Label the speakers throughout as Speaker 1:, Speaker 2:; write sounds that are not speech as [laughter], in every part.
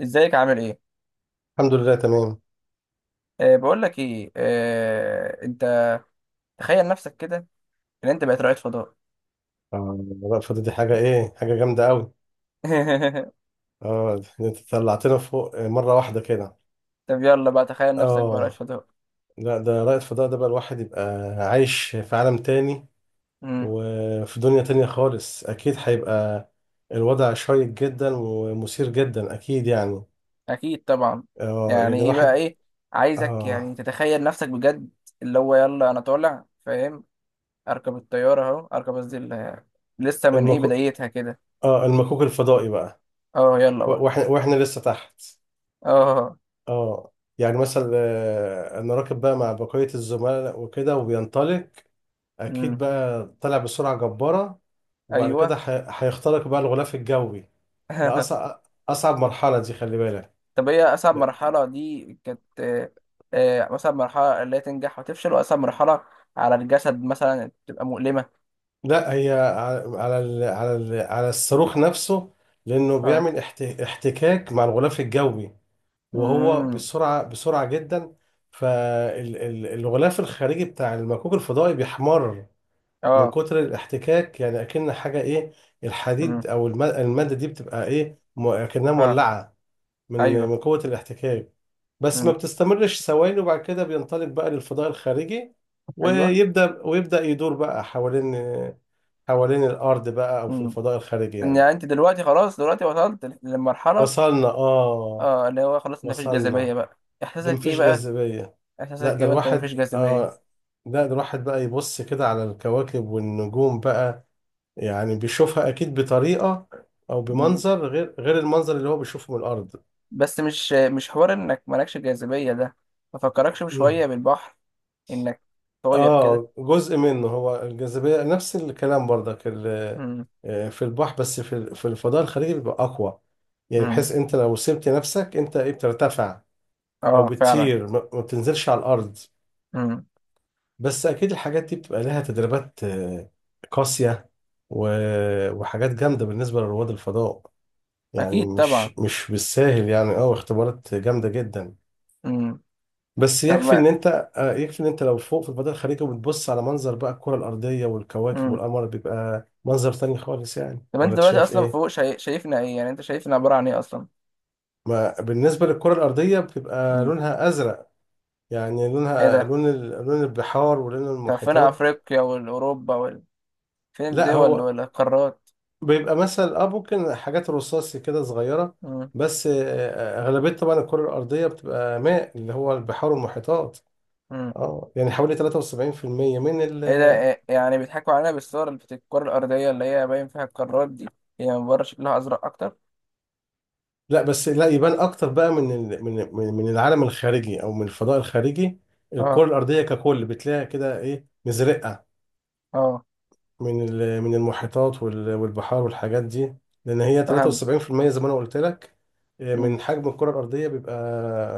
Speaker 1: ازيك، عامل ايه؟
Speaker 2: الحمد لله تمام.
Speaker 1: بقول لك ايه، انت تخيل نفسك كده ان انت بقيت رائد فضاء.
Speaker 2: آه، الوقفة دي حاجة إيه، حاجة جامدة أوي.
Speaker 1: [laughs]
Speaker 2: آه، أنت طلعتنا فوق مرة واحدة كده.
Speaker 1: طب يلا بقى تخيل نفسك بقى رائد
Speaker 2: آه
Speaker 1: فضاء.
Speaker 2: لا، ده رائد فضاء، ده بقى الواحد يبقى عايش في عالم تاني،
Speaker 1: امم.
Speaker 2: وفي دنيا تانية خالص. أكيد هيبقى الوضع شيق جدا ومثير جدا، أكيد يعني.
Speaker 1: اكيد طبعا.
Speaker 2: يعني
Speaker 1: يعني ايه بقى
Speaker 2: الواحد.
Speaker 1: ايه؟ عايزك يعني
Speaker 2: آه
Speaker 1: تتخيل نفسك بجد، اللي هو يلا انا طالع، فاهم؟ اركب الطياره اهو، اركب قصدي لسه من ايه
Speaker 2: المكو
Speaker 1: بدايتها كده.
Speaker 2: المكوك الفضائي بقى.
Speaker 1: اه يلا
Speaker 2: و-
Speaker 1: بقى.
Speaker 2: وإحنا وإحنا لسه تحت.
Speaker 1: اه.
Speaker 2: يعني مثلا، أنا راكب بقى مع بقية الزملاء وكده، وبينطلق. اكيد
Speaker 1: امم.
Speaker 2: بقى طلع بسرعه جباره. وبعد
Speaker 1: ايوه.
Speaker 2: كده هيخترق بقى الغلاف الجوي. ده
Speaker 1: [laughs]
Speaker 2: اصعب مرحله دي، خلي بالك.
Speaker 1: طب ايه اصعب
Speaker 2: لا
Speaker 1: مرحله دي كانت؟ اصعب مرحله اللي هي تنجح وتفشل، واصعب مرحله على الجسد مثلا بتبقى مؤلمه.
Speaker 2: لا، هي على على الصاروخ نفسه، لانه
Speaker 1: اه.
Speaker 2: بيعمل احتكاك مع الغلاف الجوي، وهو
Speaker 1: امم.
Speaker 2: بسرعه بسرعه جدا. فالغلاف الخارجي بتاع المكوك الفضائي بيحمر من
Speaker 1: اه.
Speaker 2: كتر الاحتكاك، يعني اكن حاجه ايه،
Speaker 1: امم.
Speaker 2: الحديد او الماده دي بتبقى ايه، اكنها
Speaker 1: اه.
Speaker 2: مولعه من
Speaker 1: ايوه.
Speaker 2: من قوة الاحتكاك. بس ما
Speaker 1: امم.
Speaker 2: بتستمرش ثواني، وبعد كده بينطلق بقى للفضاء الخارجي.
Speaker 1: ايوه.
Speaker 2: ويبدأ يدور بقى حوالين الأرض بقى، أو في
Speaker 1: امم.
Speaker 2: الفضاء الخارجي
Speaker 1: ان
Speaker 2: يعني.
Speaker 1: يعني انت دلوقتي خلاص، دلوقتي وصلت للمرحله.
Speaker 2: وصلنا آه
Speaker 1: اه اللي هو خلاص، انت مفيش جاذبيه
Speaker 2: وصلنا.
Speaker 1: بقى.
Speaker 2: ده
Speaker 1: احساسك ايه
Speaker 2: مفيش
Speaker 1: بقى؟
Speaker 2: جاذبية. لا
Speaker 1: احساسك
Speaker 2: ده
Speaker 1: ايه وانت مفيش
Speaker 2: الواحد
Speaker 1: جاذبيه؟
Speaker 2: آه لا، ده الواحد بقى يبص كده على الكواكب والنجوم بقى، يعني بيشوفها أكيد بطريقة، أو
Speaker 1: مم.
Speaker 2: بمنظر غير المنظر اللي هو بيشوفه من الأرض.
Speaker 1: بس مش حوار انك مالكش جاذبيه ده، ما فكركش بشويه بالبحر انك طاير كده؟
Speaker 2: اه، جزء منه هو الجاذبية، نفس الكلام برضك
Speaker 1: امم.
Speaker 2: في البحر، بس في في الفضاء الخارجي بيبقى أقوى، يعني
Speaker 1: امم.
Speaker 2: بحيث أنت لو سبت نفسك أنت إيه، بترتفع أو
Speaker 1: اه فعلا.
Speaker 2: بتطير، ما بتنزلش على الأرض.
Speaker 1: امم.
Speaker 2: بس أكيد الحاجات دي بتبقى لها تدريبات قاسية. و- وحاجات جامدة بالنسبة لرواد الفضاء،
Speaker 1: اكيد
Speaker 2: يعني
Speaker 1: طبعا.
Speaker 2: مش مش بالساهل، يعني اختبارات جامدة جدا.
Speaker 1: امم.
Speaker 2: بس
Speaker 1: طب
Speaker 2: يكفي
Speaker 1: ما.
Speaker 2: ان انت آه، يكفي ان انت لو فوق في البدر الخليجي، وبتبص على منظر بقى الكرة الأرضية والكواكب
Speaker 1: امم.
Speaker 2: والقمر، بيبقى منظر تاني خالص، يعني،
Speaker 1: طب انت
Speaker 2: ولا انت
Speaker 1: دلوقتي
Speaker 2: شايف
Speaker 1: اصلا فوق،
Speaker 2: ايه؟
Speaker 1: شايفنا ايه؟ يعني انت شايفنا عباره عن ايه اصلا؟
Speaker 2: ما بالنسبة للكرة الأرضية، بتبقى
Speaker 1: امم.
Speaker 2: لونها أزرق، يعني
Speaker 1: ايه
Speaker 2: لونها
Speaker 1: ده.
Speaker 2: لون لون البحار ولون
Speaker 1: طب فين
Speaker 2: المحيطات.
Speaker 1: افريقيا والاوروبا فين
Speaker 2: لا،
Speaker 1: الدول
Speaker 2: هو
Speaker 1: والقارات؟
Speaker 2: بيبقى مثلا ممكن حاجات رصاصي كده صغيرة
Speaker 1: امم.
Speaker 2: بس. أغلبية طبعا الكرة الأرضية بتبقى ماء، اللي هو البحار والمحيطات.
Speaker 1: امم.
Speaker 2: اه، يعني حوالي 73% من
Speaker 1: ايه ده، يعني بيضحكوا علينا بالصور بتاعت الكره الارضيه اللي هي باين فيها القارات دي؟ هي من بره شكلها ازرق اكتر؟
Speaker 2: لا، بس لا يبان اكتر بقى من من العالم الخارجي او من الفضاء الخارجي. الكره
Speaker 1: اه.
Speaker 2: الارضيه ككل بتلاقيها كده ايه، مزرقه
Speaker 1: اه.
Speaker 2: من من المحيطات وال- والبحار والحاجات دي، لان هي
Speaker 1: فهمت.
Speaker 2: 73% زي ما انا قلت لك.
Speaker 1: امم.
Speaker 2: من حجم الكره الارضيه بيبقى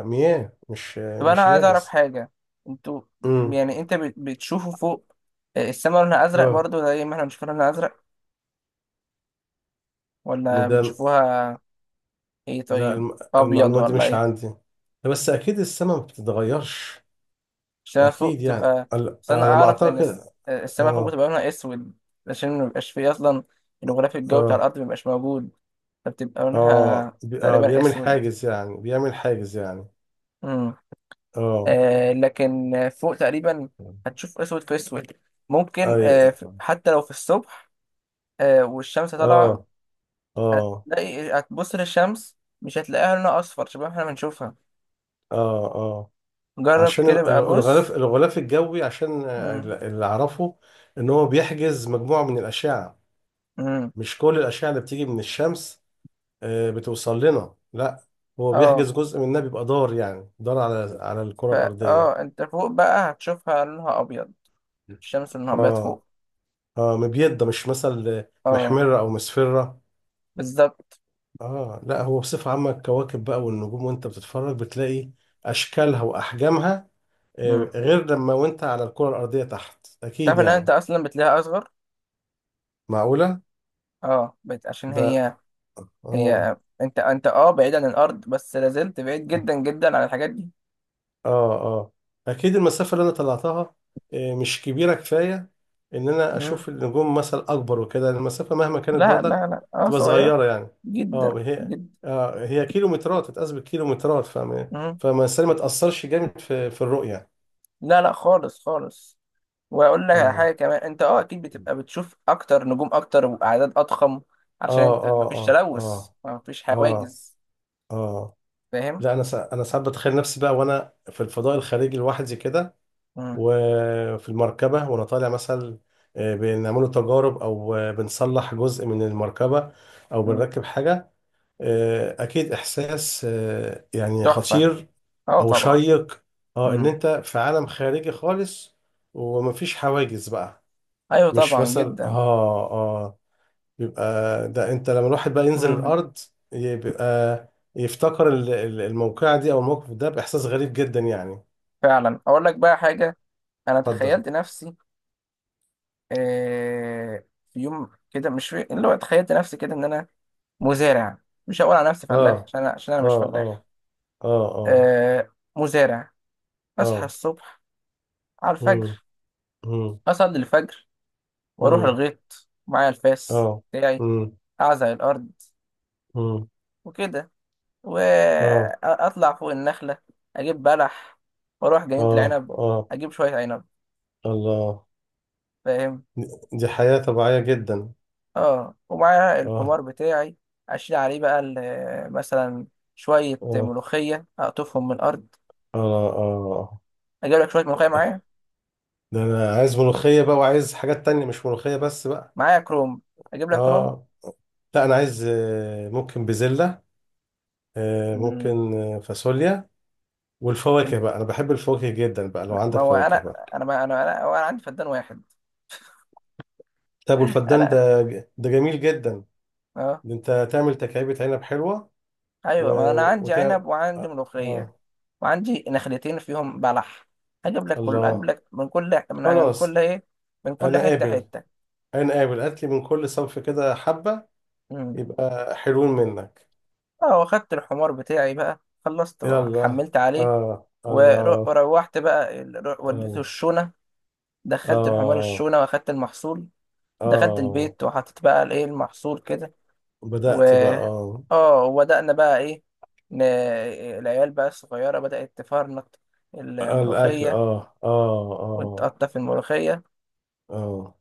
Speaker 2: مياه، مش
Speaker 1: طب انا
Speaker 2: مش
Speaker 1: عايز اعرف
Speaker 2: يابس.
Speaker 1: حاجه. انتوا
Speaker 2: امم،
Speaker 1: يعني انت بتشوفوا فوق السماء لونها ازرق
Speaker 2: اه،
Speaker 1: برضو زي ما احنا بنشوف لونها ازرق،
Speaker 2: من
Speaker 1: ولا
Speaker 2: ده.
Speaker 1: بتشوفوها ايه؟
Speaker 2: لا،
Speaker 1: طيب، ابيض
Speaker 2: المعلومه دي
Speaker 1: ولا
Speaker 2: مش
Speaker 1: ايه؟
Speaker 2: عندي. لا، بس اكيد السماء ما بتتغيرش.
Speaker 1: عشان أنا فوق
Speaker 2: اكيد يعني،
Speaker 1: تبقى،
Speaker 2: على
Speaker 1: عشان أنا
Speaker 2: على ما
Speaker 1: اعرف ان
Speaker 2: اعتقد.
Speaker 1: السماء فوق
Speaker 2: اه.
Speaker 1: بتبقى لونها اسود، عشان مبيبقاش فيه اصلا الغلاف الجوي بتاع
Speaker 2: اه
Speaker 1: الارض، مبيبقاش موجود، فبتبقى
Speaker 2: اه
Speaker 1: لونها
Speaker 2: اه
Speaker 1: تقريبا
Speaker 2: بيعمل
Speaker 1: اسود.
Speaker 2: حاجز، يعني بيعمل حاجز يعني.
Speaker 1: امم.
Speaker 2: اه
Speaker 1: لكن فوق تقريبا هتشوف اسود في اسود. ممكن،
Speaker 2: اه
Speaker 1: حتى لو في الصبح والشمس طالعه،
Speaker 2: اه اه
Speaker 1: هتبص للشمس، مش هتلاقيها لونها اصفر شبه ما احنا بنشوفها.
Speaker 2: اه اه.
Speaker 1: جرب
Speaker 2: عشان
Speaker 1: كده بقى،
Speaker 2: الغلاف
Speaker 1: بص.
Speaker 2: الجوي، عشان
Speaker 1: امم.
Speaker 2: اللي اعرفه ان هو بيحجز مجموعة من الاشعة،
Speaker 1: امم.
Speaker 2: مش كل الاشعة اللي بتيجي من الشمس بتوصل لنا، لا، هو
Speaker 1: اه.
Speaker 2: بيحجز جزء منها، بيبقى دار، يعني دار على الكرة
Speaker 1: فا
Speaker 2: الارضية.
Speaker 1: اه انت فوق بقى هتشوفها لونها ابيض، الشمس لونها ابيض
Speaker 2: اه
Speaker 1: فوق.
Speaker 2: اه، مبيضة مش مثل،
Speaker 1: اه
Speaker 2: محمرة او مسفرة.
Speaker 1: بالظبط.
Speaker 2: اه، لا هو بصفة عامة الكواكب بقى والنجوم، وانت بتتفرج بتلاقي اشكالها واحجامها
Speaker 1: مم.
Speaker 2: غير لما وانت على الكرة الارضية تحت،
Speaker 1: تعرف
Speaker 2: اكيد
Speaker 1: ان انت
Speaker 2: يعني.
Speaker 1: اصلا بتلاقيها اصغر؟
Speaker 2: معقولة.
Speaker 1: اه عشان
Speaker 2: ده.
Speaker 1: هي
Speaker 2: اه
Speaker 1: هي انت انت بعيد عن الارض، بس لازلت بعيد
Speaker 2: اه
Speaker 1: جدا جدا عن الحاجات دي.
Speaker 2: اه. اكيد المسافة اللي انا طلعتها مش كبيرة كفاية، ان انا
Speaker 1: مم.
Speaker 2: اشوف النجوم مثلا اكبر وكده، المسافة مهما كانت
Speaker 1: لا لا
Speaker 2: برضك
Speaker 1: لا،
Speaker 2: تبقى
Speaker 1: صغير
Speaker 2: صغيرة يعني.
Speaker 1: جدا
Speaker 2: اه هي،
Speaker 1: جدا.
Speaker 2: آه هي كيلومترات، تتقاس بالكيلومترات، فما
Speaker 1: مم.
Speaker 2: فما الإنسان ما تأثرش جامد في الرؤية.
Speaker 1: لا لا خالص خالص. واقول لك على حاجه
Speaker 2: اه
Speaker 1: كمان، انت اكيد بتبقى بتشوف اكتر، نجوم اكتر واعداد اضخم، عشان
Speaker 2: اه
Speaker 1: انت
Speaker 2: اه
Speaker 1: مفيش
Speaker 2: اه
Speaker 1: تلوث،
Speaker 2: اه
Speaker 1: مفيش
Speaker 2: اه
Speaker 1: حواجز.
Speaker 2: اه.
Speaker 1: فاهم.
Speaker 2: لا، انا ساعات بتخيل نفسي بقى وانا في الفضاء الخارجي لوحدي كده،
Speaker 1: مم.
Speaker 2: وفي المركبه وانا طالع مثلا بنعمله تجارب، او بنصلح جزء من المركبه، او
Speaker 1: مم.
Speaker 2: بنركب حاجه. اكيد احساس يعني
Speaker 1: تحفه،
Speaker 2: خطير،
Speaker 1: اه
Speaker 2: او
Speaker 1: طبعا.
Speaker 2: شيق. اه، ان
Speaker 1: مم.
Speaker 2: انت في عالم خارجي خالص، ومفيش حواجز بقى،
Speaker 1: ايوه
Speaker 2: مش
Speaker 1: طبعا
Speaker 2: مثلا
Speaker 1: جدا.
Speaker 2: بيبقى، ده انت لما الواحد بقى ينزل
Speaker 1: مم.
Speaker 2: الارض، بيبقى يفتكر الموقعة دي او الموقف ده باحساس غريب جدا يعني.
Speaker 1: فعلا، اقول لك بقى حاجه. انا
Speaker 2: اتفضل.
Speaker 1: تخيلت نفسي، آه، في يوم كده، مش في اللي هو، تخيلت نفسي كده ان انا مزارع. مش هقول على نفسي فلاح
Speaker 2: اه
Speaker 1: عشان انا، عشان انا
Speaker 2: اه
Speaker 1: مش فلاح.
Speaker 2: اه اه اه
Speaker 1: مزارع. اصحى
Speaker 2: اه.
Speaker 1: الصبح على الفجر،
Speaker 2: امم امم
Speaker 1: اصلي الفجر، واروح
Speaker 2: امم.
Speaker 1: الغيط معايا الفاس
Speaker 2: اه.
Speaker 1: بتاعي،
Speaker 2: امم
Speaker 1: اعزق الارض
Speaker 2: امم.
Speaker 1: وكده،
Speaker 2: اه
Speaker 1: واطلع فوق النخله، اجيب بلح، واروح جنينه
Speaker 2: اه
Speaker 1: العنب،
Speaker 2: اه.
Speaker 1: اجيب شويه عنب.
Speaker 2: الله.
Speaker 1: فاهم.
Speaker 2: دي دي حياة طبيعية جدا.
Speaker 1: اه، ومعاها البومار
Speaker 2: اه
Speaker 1: بتاعي، اشيل عليه بقى مثلا شويه
Speaker 2: اه
Speaker 1: ملوخيه، اقطفهم من الارض،
Speaker 2: اه اه.
Speaker 1: اجيب لك شويه ملوخيه معايا،
Speaker 2: ده انا عايز ملوخية بقى، وعايز حاجات تانية، مش ملوخية بس بقى.
Speaker 1: معايا كروم، اجيب لك كروم.
Speaker 2: اه، لا، انا عايز ممكن بزلة،
Speaker 1: مم.
Speaker 2: ممكن فاصوليا. والفواكه بقى، انا بحب الفواكه جدا بقى، لو
Speaker 1: لا، ما
Speaker 2: عندك
Speaker 1: هو
Speaker 2: فواكه
Speaker 1: انا
Speaker 2: بقى.
Speaker 1: انا ما انا انا هو انا عندي فدان واحد. [laughs]
Speaker 2: طب والفدان ده،
Speaker 1: انا.
Speaker 2: ده جميل جدا.
Speaker 1: اه.
Speaker 2: ده انت تعمل تكعيبة عنب حلوة و...
Speaker 1: ايوه، ما انا عندي
Speaker 2: وتعمل
Speaker 1: عنب وعندي
Speaker 2: آه
Speaker 1: ملوخيه،
Speaker 2: آه،
Speaker 1: وعندي نخلتين فيهم بلح. هجيب لك كل اجيب
Speaker 2: الله،
Speaker 1: لك من كل، من كل
Speaker 2: خلاص.
Speaker 1: ايه، من كل
Speaker 2: انا
Speaker 1: حته
Speaker 2: قابل
Speaker 1: حته.
Speaker 2: انا قابل، هات لي من كل صنف كده حبة،
Speaker 1: مم.
Speaker 2: يبقى حلوين منك.
Speaker 1: اه، واخدت الحمار بتاعي بقى، خلصت،
Speaker 2: يلا،
Speaker 1: حملت عليه،
Speaker 2: اه، الله،
Speaker 1: وروحت بقى، وديته
Speaker 2: الله،
Speaker 1: الشونة. دخلت الحمار
Speaker 2: اه،
Speaker 1: الشونة واخدت المحصول، دخلت
Speaker 2: اه.
Speaker 1: البيت وحطيت بقى الايه المحصول كده. و،
Speaker 2: بدأت بقى، اه،
Speaker 1: اه وبدأنا بقى ايه، ن... العيال بقى الصغيرة بدأت تفرنط
Speaker 2: الاكل،
Speaker 1: الملوخية،
Speaker 2: اه اه اه
Speaker 1: وتقطف الملوخية،
Speaker 2: اه.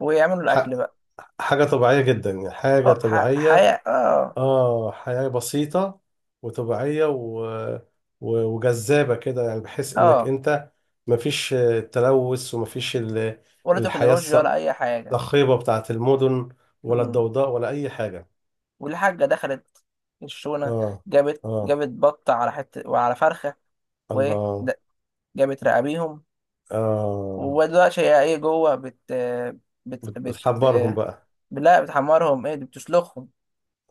Speaker 1: ويعملوا الأكل بقى.
Speaker 2: حاجة طبيعية جدا، يعني حاجة
Speaker 1: اه،
Speaker 2: طبيعية.
Speaker 1: حياة اه.
Speaker 2: اه، حياة بسيطة وطبيعية و... و... وجذابة كده، يعني بحيث انك
Speaker 1: اه،
Speaker 2: انت مفيش تلوث، ومفيش
Speaker 1: ولا
Speaker 2: الحياة الص-
Speaker 1: تكنولوجيا ولا أي حاجة.
Speaker 2: الصاخبة بتاعت المدن، ولا
Speaker 1: مم.
Speaker 2: الضوضاء ولا أي حاجة.
Speaker 1: والحاجة دخلت الشونة،
Speaker 2: اه.
Speaker 1: جابت
Speaker 2: اه.
Speaker 1: جابت بطة على حتة وعلى فرخة، وإيه د-
Speaker 2: الله.
Speaker 1: جابت رقابيهم،
Speaker 2: اه.
Speaker 1: ودلوقتي هي ايه جوه بت بت بت
Speaker 2: بتحمرهم بقى.
Speaker 1: لا بتحمرهم، ايه، دي بتسلخهم،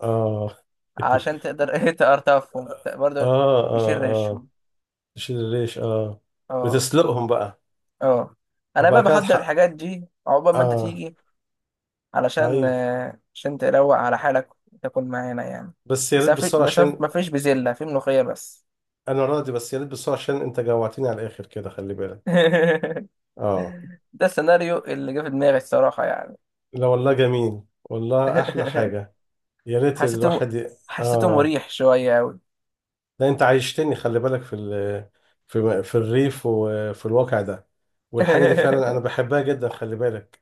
Speaker 2: اه.
Speaker 1: عشان
Speaker 2: [laughs]
Speaker 1: تقدر [laughs] ايه تقرطفهم، برضه
Speaker 2: اه اه
Speaker 1: يشيل
Speaker 2: اه.
Speaker 1: ريشهم.
Speaker 2: تشيل الريش، اه.
Speaker 1: اه
Speaker 2: بتسلقهم بقى.
Speaker 1: اه. انا
Speaker 2: بقى
Speaker 1: بقى
Speaker 2: كده
Speaker 1: بحضر
Speaker 2: تحقق.
Speaker 1: الحاجات دي عقبال ما انت
Speaker 2: اه.
Speaker 1: تيجي، علشان
Speaker 2: طيب،
Speaker 1: آه، عشان تروق على حالك وتاكل معانا يعني.
Speaker 2: بس يا ريت بالسرعة
Speaker 1: بس
Speaker 2: عشان.
Speaker 1: ما فيش بزلة، في ملوخية بس.
Speaker 2: أنا راضي، بس يا ريت بالسرعة عشان أنت جوعتني على الآخر كده، خلي بالك.
Speaker 1: [laughs]
Speaker 2: آه.
Speaker 1: ده السيناريو اللي جه في دماغي الصراحة يعني.
Speaker 2: لا والله، جميل والله، أحلى
Speaker 1: [laughs]
Speaker 2: حاجة. يا ريت
Speaker 1: حسيته
Speaker 2: الواحد ي...
Speaker 1: حسيته
Speaker 2: آه،
Speaker 1: مريح شوية أوي.
Speaker 2: لا، أنت عايشتني خلي بالك في ال... في في الريف، وفي الواقع ده، والحاجة دي فعلا أنا
Speaker 1: [laughs]
Speaker 2: بحبها جدا، خلي بالك.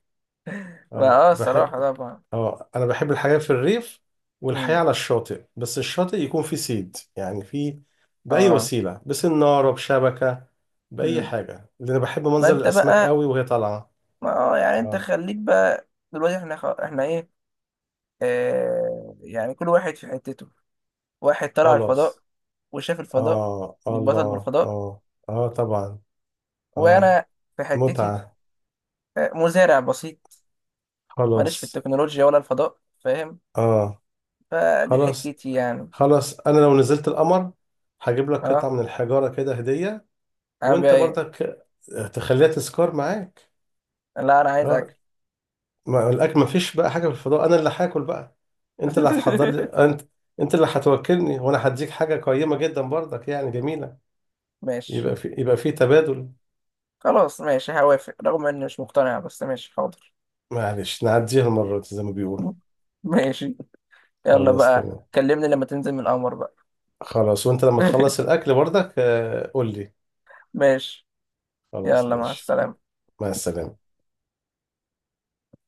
Speaker 1: ما
Speaker 2: آه بح...
Speaker 1: الصراحة طبعا.
Speaker 2: اه، انا بحب الحياة في الريف، والحياة
Speaker 1: مم.
Speaker 2: على الشاطئ، بس الشاطئ يكون فيه صيد، يعني فيه، بأي
Speaker 1: اه.
Speaker 2: وسيلة، بسنارة بشبكة، بأي
Speaker 1: مم.
Speaker 2: حاجة، لأن أنا بحب
Speaker 1: ما
Speaker 2: منظر
Speaker 1: انت
Speaker 2: الأسماك
Speaker 1: بقى.
Speaker 2: قوي وهي طالعة.
Speaker 1: ما يعني انت
Speaker 2: اه.
Speaker 1: خليك بقى دلوقتي، احنا ايه، يعني كل واحد في حتته، واحد طلع الفضاء
Speaker 2: خلاص.
Speaker 1: وشاف الفضاء
Speaker 2: اه،
Speaker 1: واتبسط
Speaker 2: الله،
Speaker 1: بالفضاء،
Speaker 2: اه، اه، طبعا، اه،
Speaker 1: وانا في حتتي،
Speaker 2: متعة،
Speaker 1: مزارع بسيط، ماليش في
Speaker 2: خلاص،
Speaker 1: التكنولوجيا ولا الفضاء، فاهم؟
Speaker 2: اه،
Speaker 1: فدي
Speaker 2: خلاص.
Speaker 1: حتتي يعني.
Speaker 2: خلاص، أنا لو نزلت القمر، هجيب لك قطعة
Speaker 1: اه.
Speaker 2: من الحجارة كده هدية،
Speaker 1: اعمل بيها
Speaker 2: وأنت
Speaker 1: ايه؟
Speaker 2: برضك تخليها تذكار معاك.
Speaker 1: لا انا عايز اكل.
Speaker 2: اه، ما الاكل ما فيش بقى حاجه في الفضاء، انا اللي هاكل بقى، انت اللي هتحضر لي،
Speaker 1: [laughs]
Speaker 2: انت انت اللي هتوكلني، وانا هديك حاجه قيمه جدا برضك، يعني جميله.
Speaker 1: ماشي.
Speaker 2: يبقى في، يبقى في تبادل.
Speaker 1: خلاص، ماشي هوافق رغم اني مش مقتنع، بس ماشي حاضر.
Speaker 2: معلش نعديها المره دي زي ما بيقولوا.
Speaker 1: [laughs] ماشي. يلا
Speaker 2: خلاص
Speaker 1: بقى
Speaker 2: تمام.
Speaker 1: كلمني لما تنزل من القمر بقى.
Speaker 2: خلاص، وانت لما تخلص
Speaker 1: [laughs]
Speaker 2: الاكل برضك قول لي.
Speaker 1: ماشي.
Speaker 2: خلاص
Speaker 1: يلا مع
Speaker 2: ماشي.
Speaker 1: السلامة.
Speaker 2: مع السلامه.